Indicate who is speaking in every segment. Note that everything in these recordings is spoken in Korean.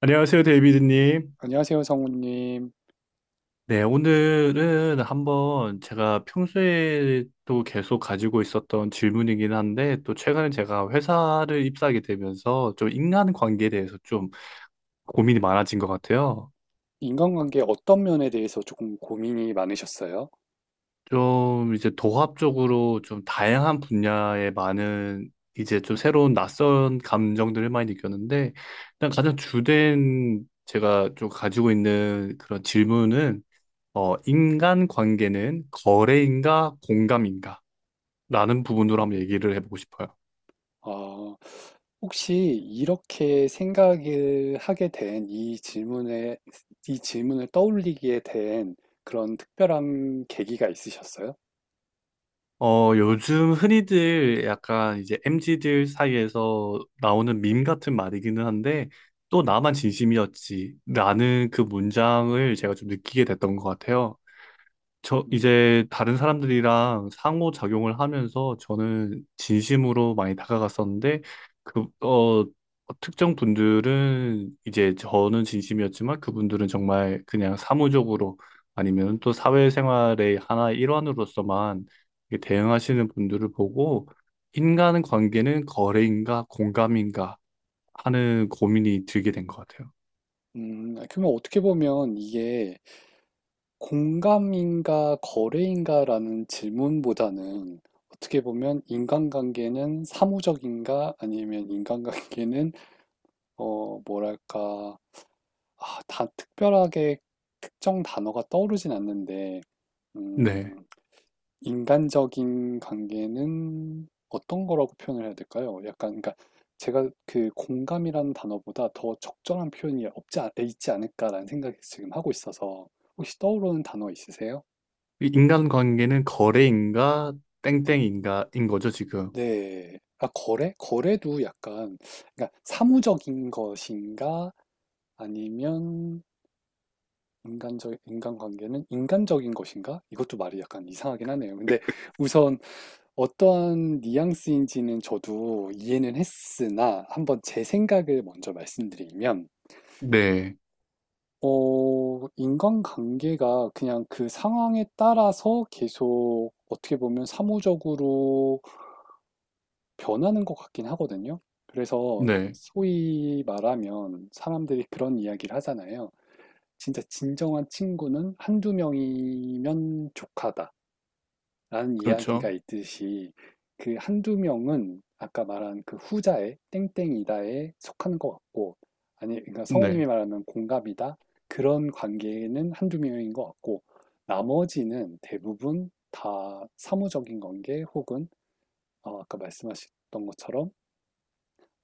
Speaker 1: 안녕하세요, 데이비드님.
Speaker 2: 안녕하세요, 성우님.
Speaker 1: 네, 오늘은 한번 제가 평소에 또 계속 가지고 있었던 질문이긴 한데, 또 최근에 제가 회사를 입사하게 되면서 좀 인간관계에 대해서 좀 고민이 많아진 것 같아요.
Speaker 2: 인간관계 어떤 면에 대해서 조금 고민이 많으셨어요?
Speaker 1: 좀 이제 도합적으로 좀 다양한 분야에 많은 이제 좀 새로운 낯선 감정들을 많이 느꼈는데, 일단 가장 주된 제가 좀 가지고 있는 그런 질문은 인간 관계는 거래인가 공감인가? 라는 부분으로 한번 얘기를 해보고 싶어요.
Speaker 2: 어, 혹시 이렇게 생각을 하게 된 이 질문에, 이 질문을 떠올리게 된 그런 특별한 계기가 있으셨어요?
Speaker 1: 요즘 흔히들 약간 이제 m 지들 사이에서 나오는 밈 같은 말이기는 한데, 또 나만 진심이었지. 라는 그 문장을 제가 좀 느끼게 됐던 것 같아요. 저
Speaker 2: 음,
Speaker 1: 이제 다른 사람들이랑 상호작용을 하면서 저는 진심으로 많이 다가갔었는데 그, 어, 특정 분들은 이제 저는 진심이었지만 그분들은 정말 그냥 사무적으로 아니면 또 사회생활의 하나의 일환으로서만 이렇게 대응하시는 분들을 보고 인간 관계는 거래인가 공감인가 하는 고민이 들게 된 것 같아요.
Speaker 2: 그러면 어떻게 보면 이게 공감인가 거래인가라는 질문보다는 어떻게 보면 인간관계는 사무적인가 아니면 인간관계는 뭐랄까, 아, 다 특별하게 특정 단어가 떠오르진 않는데,
Speaker 1: 네.
Speaker 2: 음, 인간적인 관계는 어떤 거라고 표현을 해야 될까요? 약간, 그러니까 제가 그 공감이라는 단어보다 더 적절한 표현이 있지 않을까라는 생각이 지금 하고 있어서, 혹시 떠오르는 단어 있으세요?
Speaker 1: 인간 관계는 거래인가
Speaker 2: 네.
Speaker 1: 땡땡인가인 거죠, 지금.
Speaker 2: 네. 아, 거래? 거래도 약간, 그러니까 사무적인 것인가? 아니면 인간적, 인간관계는 인간적인 것인가? 이것도 말이 약간 이상하긴 하네요. 근데 우선 어떠한 뉘앙스인지는 저도 이해는 했으나 한번 제 생각을 먼저 말씀드리면,
Speaker 1: 네,
Speaker 2: 인간관계가 그냥 그 상황에 따라서 계속 어떻게 보면 사무적으로 변하는 것 같긴 하거든요. 그래서
Speaker 1: 네,
Speaker 2: 소위 말하면 사람들이 그런 이야기를 하잖아요. 진짜 진정한 친구는 한두 명이면 족하다. 라는 이야기가
Speaker 1: 그렇죠.
Speaker 2: 있듯이 그 한두 명은 아까 말한 그 후자에 땡땡이다에 속하는 것 같고, 아니 그러니까 성우님이
Speaker 1: 네.
Speaker 2: 말하면 공갑이다, 그런 관계는 한두 명인 것 같고, 나머지는 대부분 다 사무적인 관계 혹은 아까 말씀하셨던 것처럼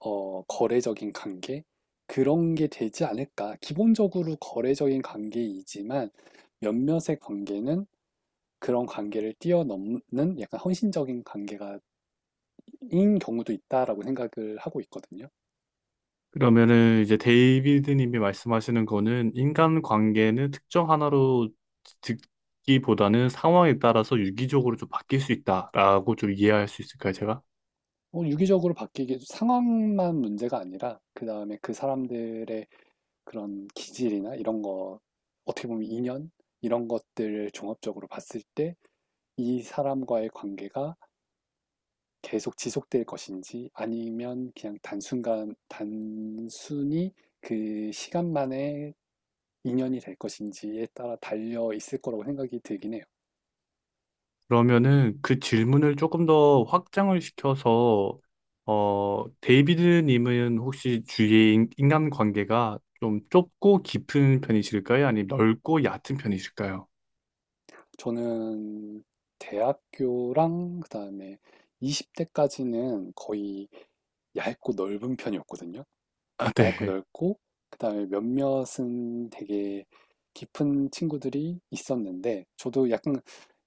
Speaker 2: 거래적인 관계, 그런 게 되지 않을까. 기본적으로 거래적인 관계이지만 몇몇의 관계는 그런 관계를 뛰어넘는 약간 헌신적인 관계가 인 경우도 있다라고 생각을 하고 있거든요.
Speaker 1: 그러면은 이제 데이비드님이 말씀하시는 거는 인간 관계는 특정 하나로 듣기보다는 상황에 따라서 유기적으로 좀 바뀔 수 있다라고 좀 이해할 수 있을까요, 제가?
Speaker 2: 유기적으로 바뀌기 상황만 문제가 아니라 그 다음에 그 사람들의 그런 기질이나 이런 거 어떻게 보면 인연, 이런 것들을 종합적으로 봤을 때 이 사람과의 관계가 계속 지속될 것인지, 아니면 그냥 단순간 단순히 그 시간만의 인연이 될 것인지에 따라 달려 있을 거라고 생각이 들긴 해요.
Speaker 1: 그러면은 그 질문을 조금 더 확장을 시켜서 데이비드님은 혹시 주위의 인간 관계가 좀 좁고 깊은 편이실까요? 아니면 넓고 얕은 편이실까요?
Speaker 2: 저는 대학교랑 그다음에 20대까지는 거의 얇고 넓은 편이었거든요.
Speaker 1: 아,
Speaker 2: 얇고
Speaker 1: 네,
Speaker 2: 넓고, 그다음에 몇몇은 되게 깊은 친구들이 있었는데, 저도 약간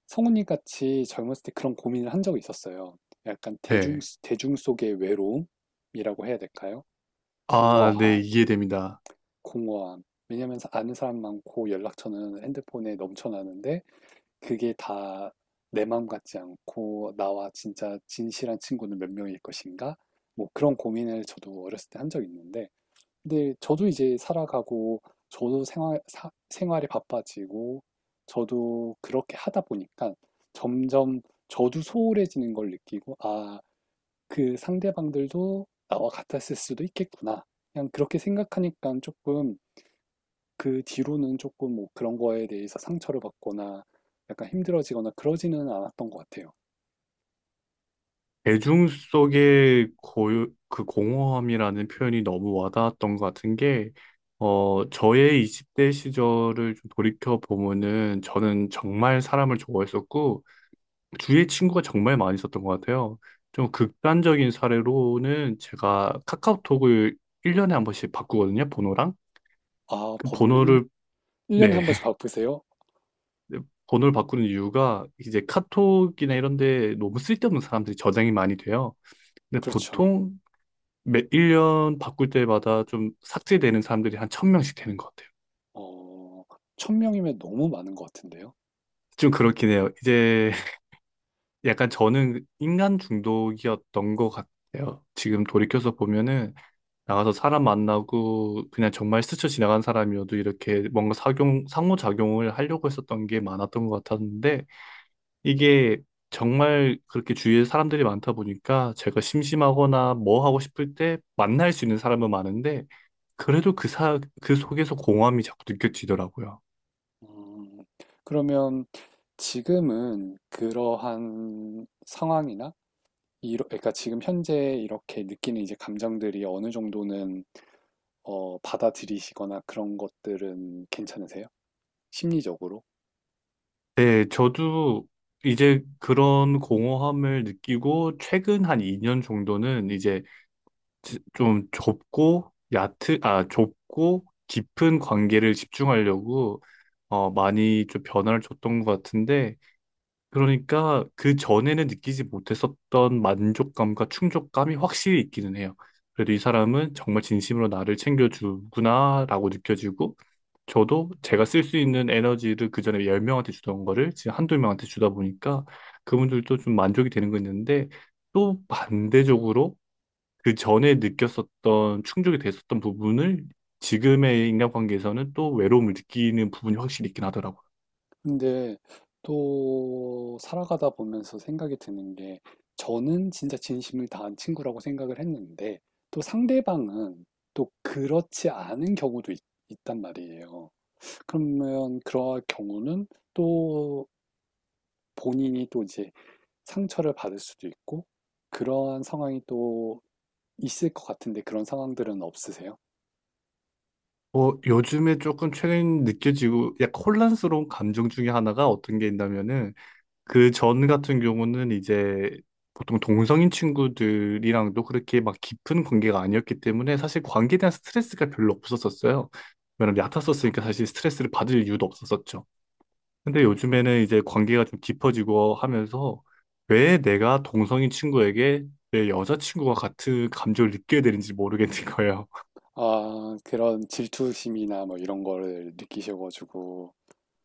Speaker 2: 성훈이 같이 젊었을 때 그런 고민을 한 적이 있었어요. 약간 대중
Speaker 1: 네.
Speaker 2: 대중 속의 외로움이라고 해야 될까요?
Speaker 1: 아, 네,
Speaker 2: 공허함,
Speaker 1: 이해됩니다.
Speaker 2: 공허함. 왜냐면 아는 사람 많고 연락처는 핸드폰에 넘쳐나는데 그게 다 내 마음 같지 않고, 나와 진짜 진실한 친구는 몇 명일 것인가? 뭐 그런 고민을 저도 어렸을 때 한 적이 있는데, 근데 저도 이제 살아가고 저도 생활이 바빠지고, 저도 그렇게 하다 보니까 점점 저도 소홀해지는 걸 느끼고, 아, 그 상대방들도 나와 같았을 수도 있겠구나. 그냥 그렇게 생각하니까 조금, 그 뒤로는 조금 뭐 그런 거에 대해서 상처를 받거나 약간 힘들어지거나 그러지는 않았던 것 같아요.
Speaker 1: 대중 속의 고유, 그 공허함이라는 표현이 너무 와닿았던 것 같은 게, 저의 20대 시절을 좀 돌이켜 보면은 저는 정말 사람을 좋아했었고, 주위에 친구가 정말 많이 있었던 것 같아요. 좀 극단적인 사례로는 제가 카카오톡을 1년에 한 번씩 바꾸거든요, 번호랑.
Speaker 2: 아,
Speaker 1: 그
Speaker 2: 번호를 1,
Speaker 1: 번호를,
Speaker 2: 일년에
Speaker 1: 네.
Speaker 2: 한 번씩 바꾸세요?
Speaker 1: 번호를 바꾸는 이유가 이제 카톡이나 이런 데 너무 쓸데없는 사람들이 저장이 많이 돼요. 근데
Speaker 2: 그렇죠.
Speaker 1: 보통 매 1년 바꿀 때마다 좀 삭제되는 사람들이 한 1,000명씩 되는 것 같아요.
Speaker 2: 어, 천 명이면 너무 많은 것 같은데요.
Speaker 1: 좀 그렇긴 해요. 이제 약간 저는 인간 중독이었던 것 같아요. 지금 돌이켜서 보면은 나가서 사람 만나고 그냥 정말 스쳐 지나간 사람이어도 이렇게 뭔가 상호작용을 하려고 했었던 게 많았던 것 같았는데 이게 정말 그렇게 주위에 사람들이 많다 보니까 제가 심심하거나 뭐 하고 싶을 때 만날 수 있는 사람은 많은데 그래도 그 속에서 공허함이 자꾸 느껴지더라고요.
Speaker 2: 음, 그러면 지금은 그러한 상황이나 그러니까 지금 현재 이렇게 느끼는 이제 감정들이 어느 정도는 받아들이시거나 그런 것들은 괜찮으세요? 심리적으로?
Speaker 1: 네, 저도 이제 그런 공허함을 느끼고 최근 한 2년 정도는 이제 좀 좁고 얕은, 아, 좁고 깊은 관계를 집중하려고 많이 좀 변화를 줬던 것 같은데 그러니까 그 전에는 느끼지 못했었던 만족감과 충족감이 확실히 있기는 해요. 그래도 이 사람은 정말 진심으로 나를 챙겨주구나라고 느껴지고, 저도 제가 쓸 수 있는 에너지를 그 전에 10명한테 주던 거를 지금 한두 명한테 주다 보니까 그분들도 좀 만족이 되는 거 있는데, 또 반대적으로 그 전에 느꼈었던 충족이 됐었던 부분을 지금의 인간관계에서는 또 외로움을 느끼는 부분이 확실히 있긴 하더라고요.
Speaker 2: 근데 또 살아가다 보면서 생각이 드는 게, 저는 진짜 진심을 다한 친구라고 생각을 했는데 또 상대방은 또 그렇지 않은 경우도 있, 단 말이에요. 그러면 그러한 경우는 또 본인이 또 이제 상처를 받을 수도 있고, 그러한 상황이 또 있을 것 같은데 그런 상황들은 없으세요?
Speaker 1: 요즘에 조금 최근 느껴지고 약간 혼란스러운 감정 중에 하나가 어떤 게 있냐면은 그 전 같은 경우는 이제 보통 동성인 친구들이랑도 그렇게 막 깊은 관계가 아니었기 때문에 사실 관계에 대한 스트레스가 별로 없었었어요. 왜냐면 얕았었으니까 사실 스트레스를 받을 이유도 없었었죠. 근데
Speaker 2: 네.
Speaker 1: 요즘에는 이제 관계가 좀 깊어지고 하면서 왜 내가 동성인 친구에게 내 여자친구와 같은 감정을 느껴야 되는지 모르겠는 거예요.
Speaker 2: 아, 그런 질투심이나 뭐 이런 거를 느끼셔가지고.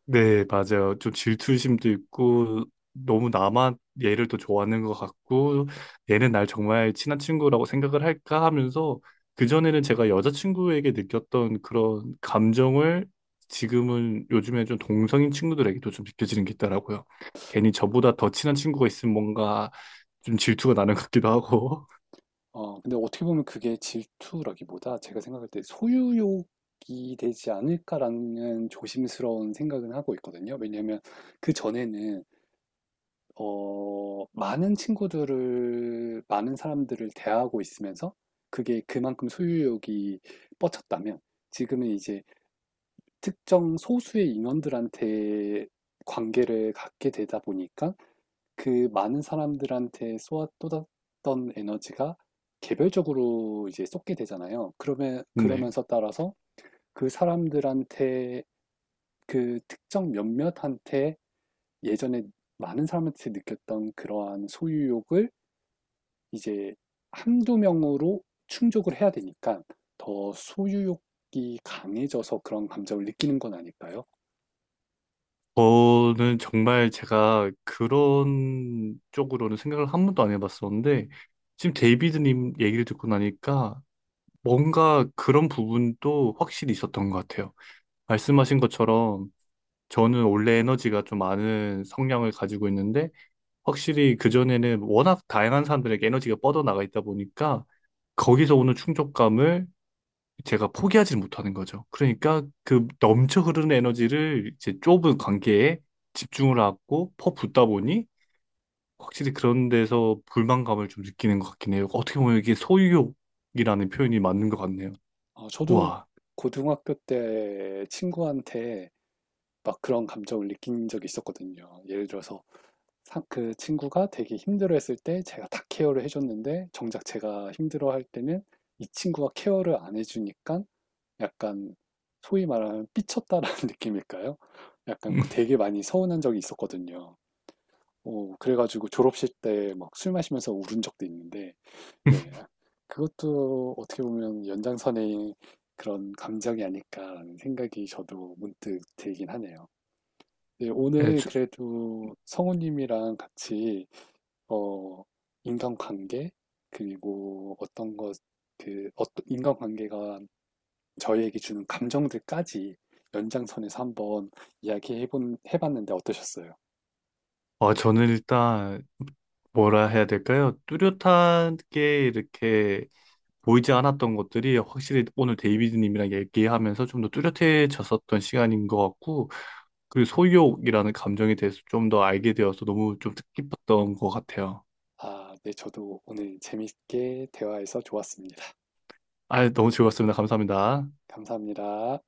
Speaker 1: 네, 맞아요. 좀 질투심도 있고, 너무 나만 얘를 또 좋아하는 것 같고, 얘는 날 정말 친한 친구라고 생각을 할까 하면서, 그전에는 제가 여자친구에게 느꼈던 그런 감정을 지금은 요즘에 좀 동성인 친구들에게도 좀 느껴지는 게 있더라고요. 괜히 저보다 더 친한 친구가 있으면 뭔가 좀 질투가 나는 것 같기도 하고,
Speaker 2: 근데 어떻게 보면 그게 질투라기보다 제가 생각할 때 소유욕이 되지 않을까라는 조심스러운 생각은 하고 있거든요. 왜냐하면 그 전에는 많은 친구들을, 많은 사람들을 대하고 있으면서 그게 그만큼 소유욕이 뻗쳤다면, 지금은 이제 특정 소수의 인원들한테 관계를 갖게 되다 보니까 그 많은 사람들한테 쏟아 쏟았던 에너지가 개별적으로 이제 쏟게 되잖아요. 그러면
Speaker 1: 네.
Speaker 2: 그러면서 따라서 그 사람들한테, 그 특정 몇몇한테 예전에 많은 사람한테 느꼈던 그러한 소유욕을 이제 한두 명으로 충족을 해야 되니까 더 소유욕이 강해져서 그런 감정을 느끼는 건 아닐까요?
Speaker 1: 저는 정말 제가 그런 쪽으로는 생각을 한 번도 안 해봤었는데, 지금 데이비드님 얘기를 듣고 나니까 뭔가 그런 부분도 확실히 있었던 것 같아요. 말씀하신 것처럼 저는 원래 에너지가 좀 많은 성향을 가지고 있는데, 확실히 그전에는 워낙 다양한 사람들에게 에너지가 뻗어나가 있다 보니까, 거기서 오는 충족감을 제가 포기하지 못하는 거죠. 그러니까 그 넘쳐 흐르는 에너지를 이제 좁은 관계에 집중을 하고 퍼붓다 보니 확실히 그런 데서 불만감을 좀 느끼는 것 같긴 해요. 어떻게 보면 이게 소유욕이라는 표현이 맞는 것 같네요.
Speaker 2: 저도
Speaker 1: 와.
Speaker 2: 고등학교 때 친구한테 막 그런 감정을 느낀 적이 있었거든요. 예를 들어서 그 친구가 되게 힘들어했을 때 제가 다 케어를 해줬는데, 정작 제가 힘들어할 때는 이 친구가 케어를 안 해주니까 약간, 소위 말하면 삐쳤다라는 느낌일까요? 약간 되게 많이 서운한 적이 있었거든요. 그래가지고 졸업식 때 막 술 마시면서 울은 적도 있는데, 예. 그것도 어떻게 보면 연장선의 그런 감정이 아닐까라는 생각이 저도 문득 들긴 하네요. 네,
Speaker 1: 네,
Speaker 2: 오늘
Speaker 1: 저,
Speaker 2: 그래도 성우님이랑 같이 어, 인간관계, 그리고 어떤 것, 그 어떤 인간관계가 저희에게 주는 감정들까지 연장선에서 한번 이야기해본 해봤는데 어떠셨어요?
Speaker 1: 아, 저는 일단 뭐라 해야 될까요? 뚜렷하게 이렇게 보이지 않았던 것들이 확실히 오늘 데이비드님이랑 얘기하면서 좀 더 뚜렷해졌었던 시간인 것 같고, 그리고 소유욕이라는 감정에 대해서 좀 더 알게 되어서 너무 좀 뜻깊었던 것 같아요.
Speaker 2: 아, 네, 저도 오늘 재밌게 대화해서 좋았습니다.
Speaker 1: 아, 너무 즐거웠습니다. 감사합니다.
Speaker 2: 감사합니다.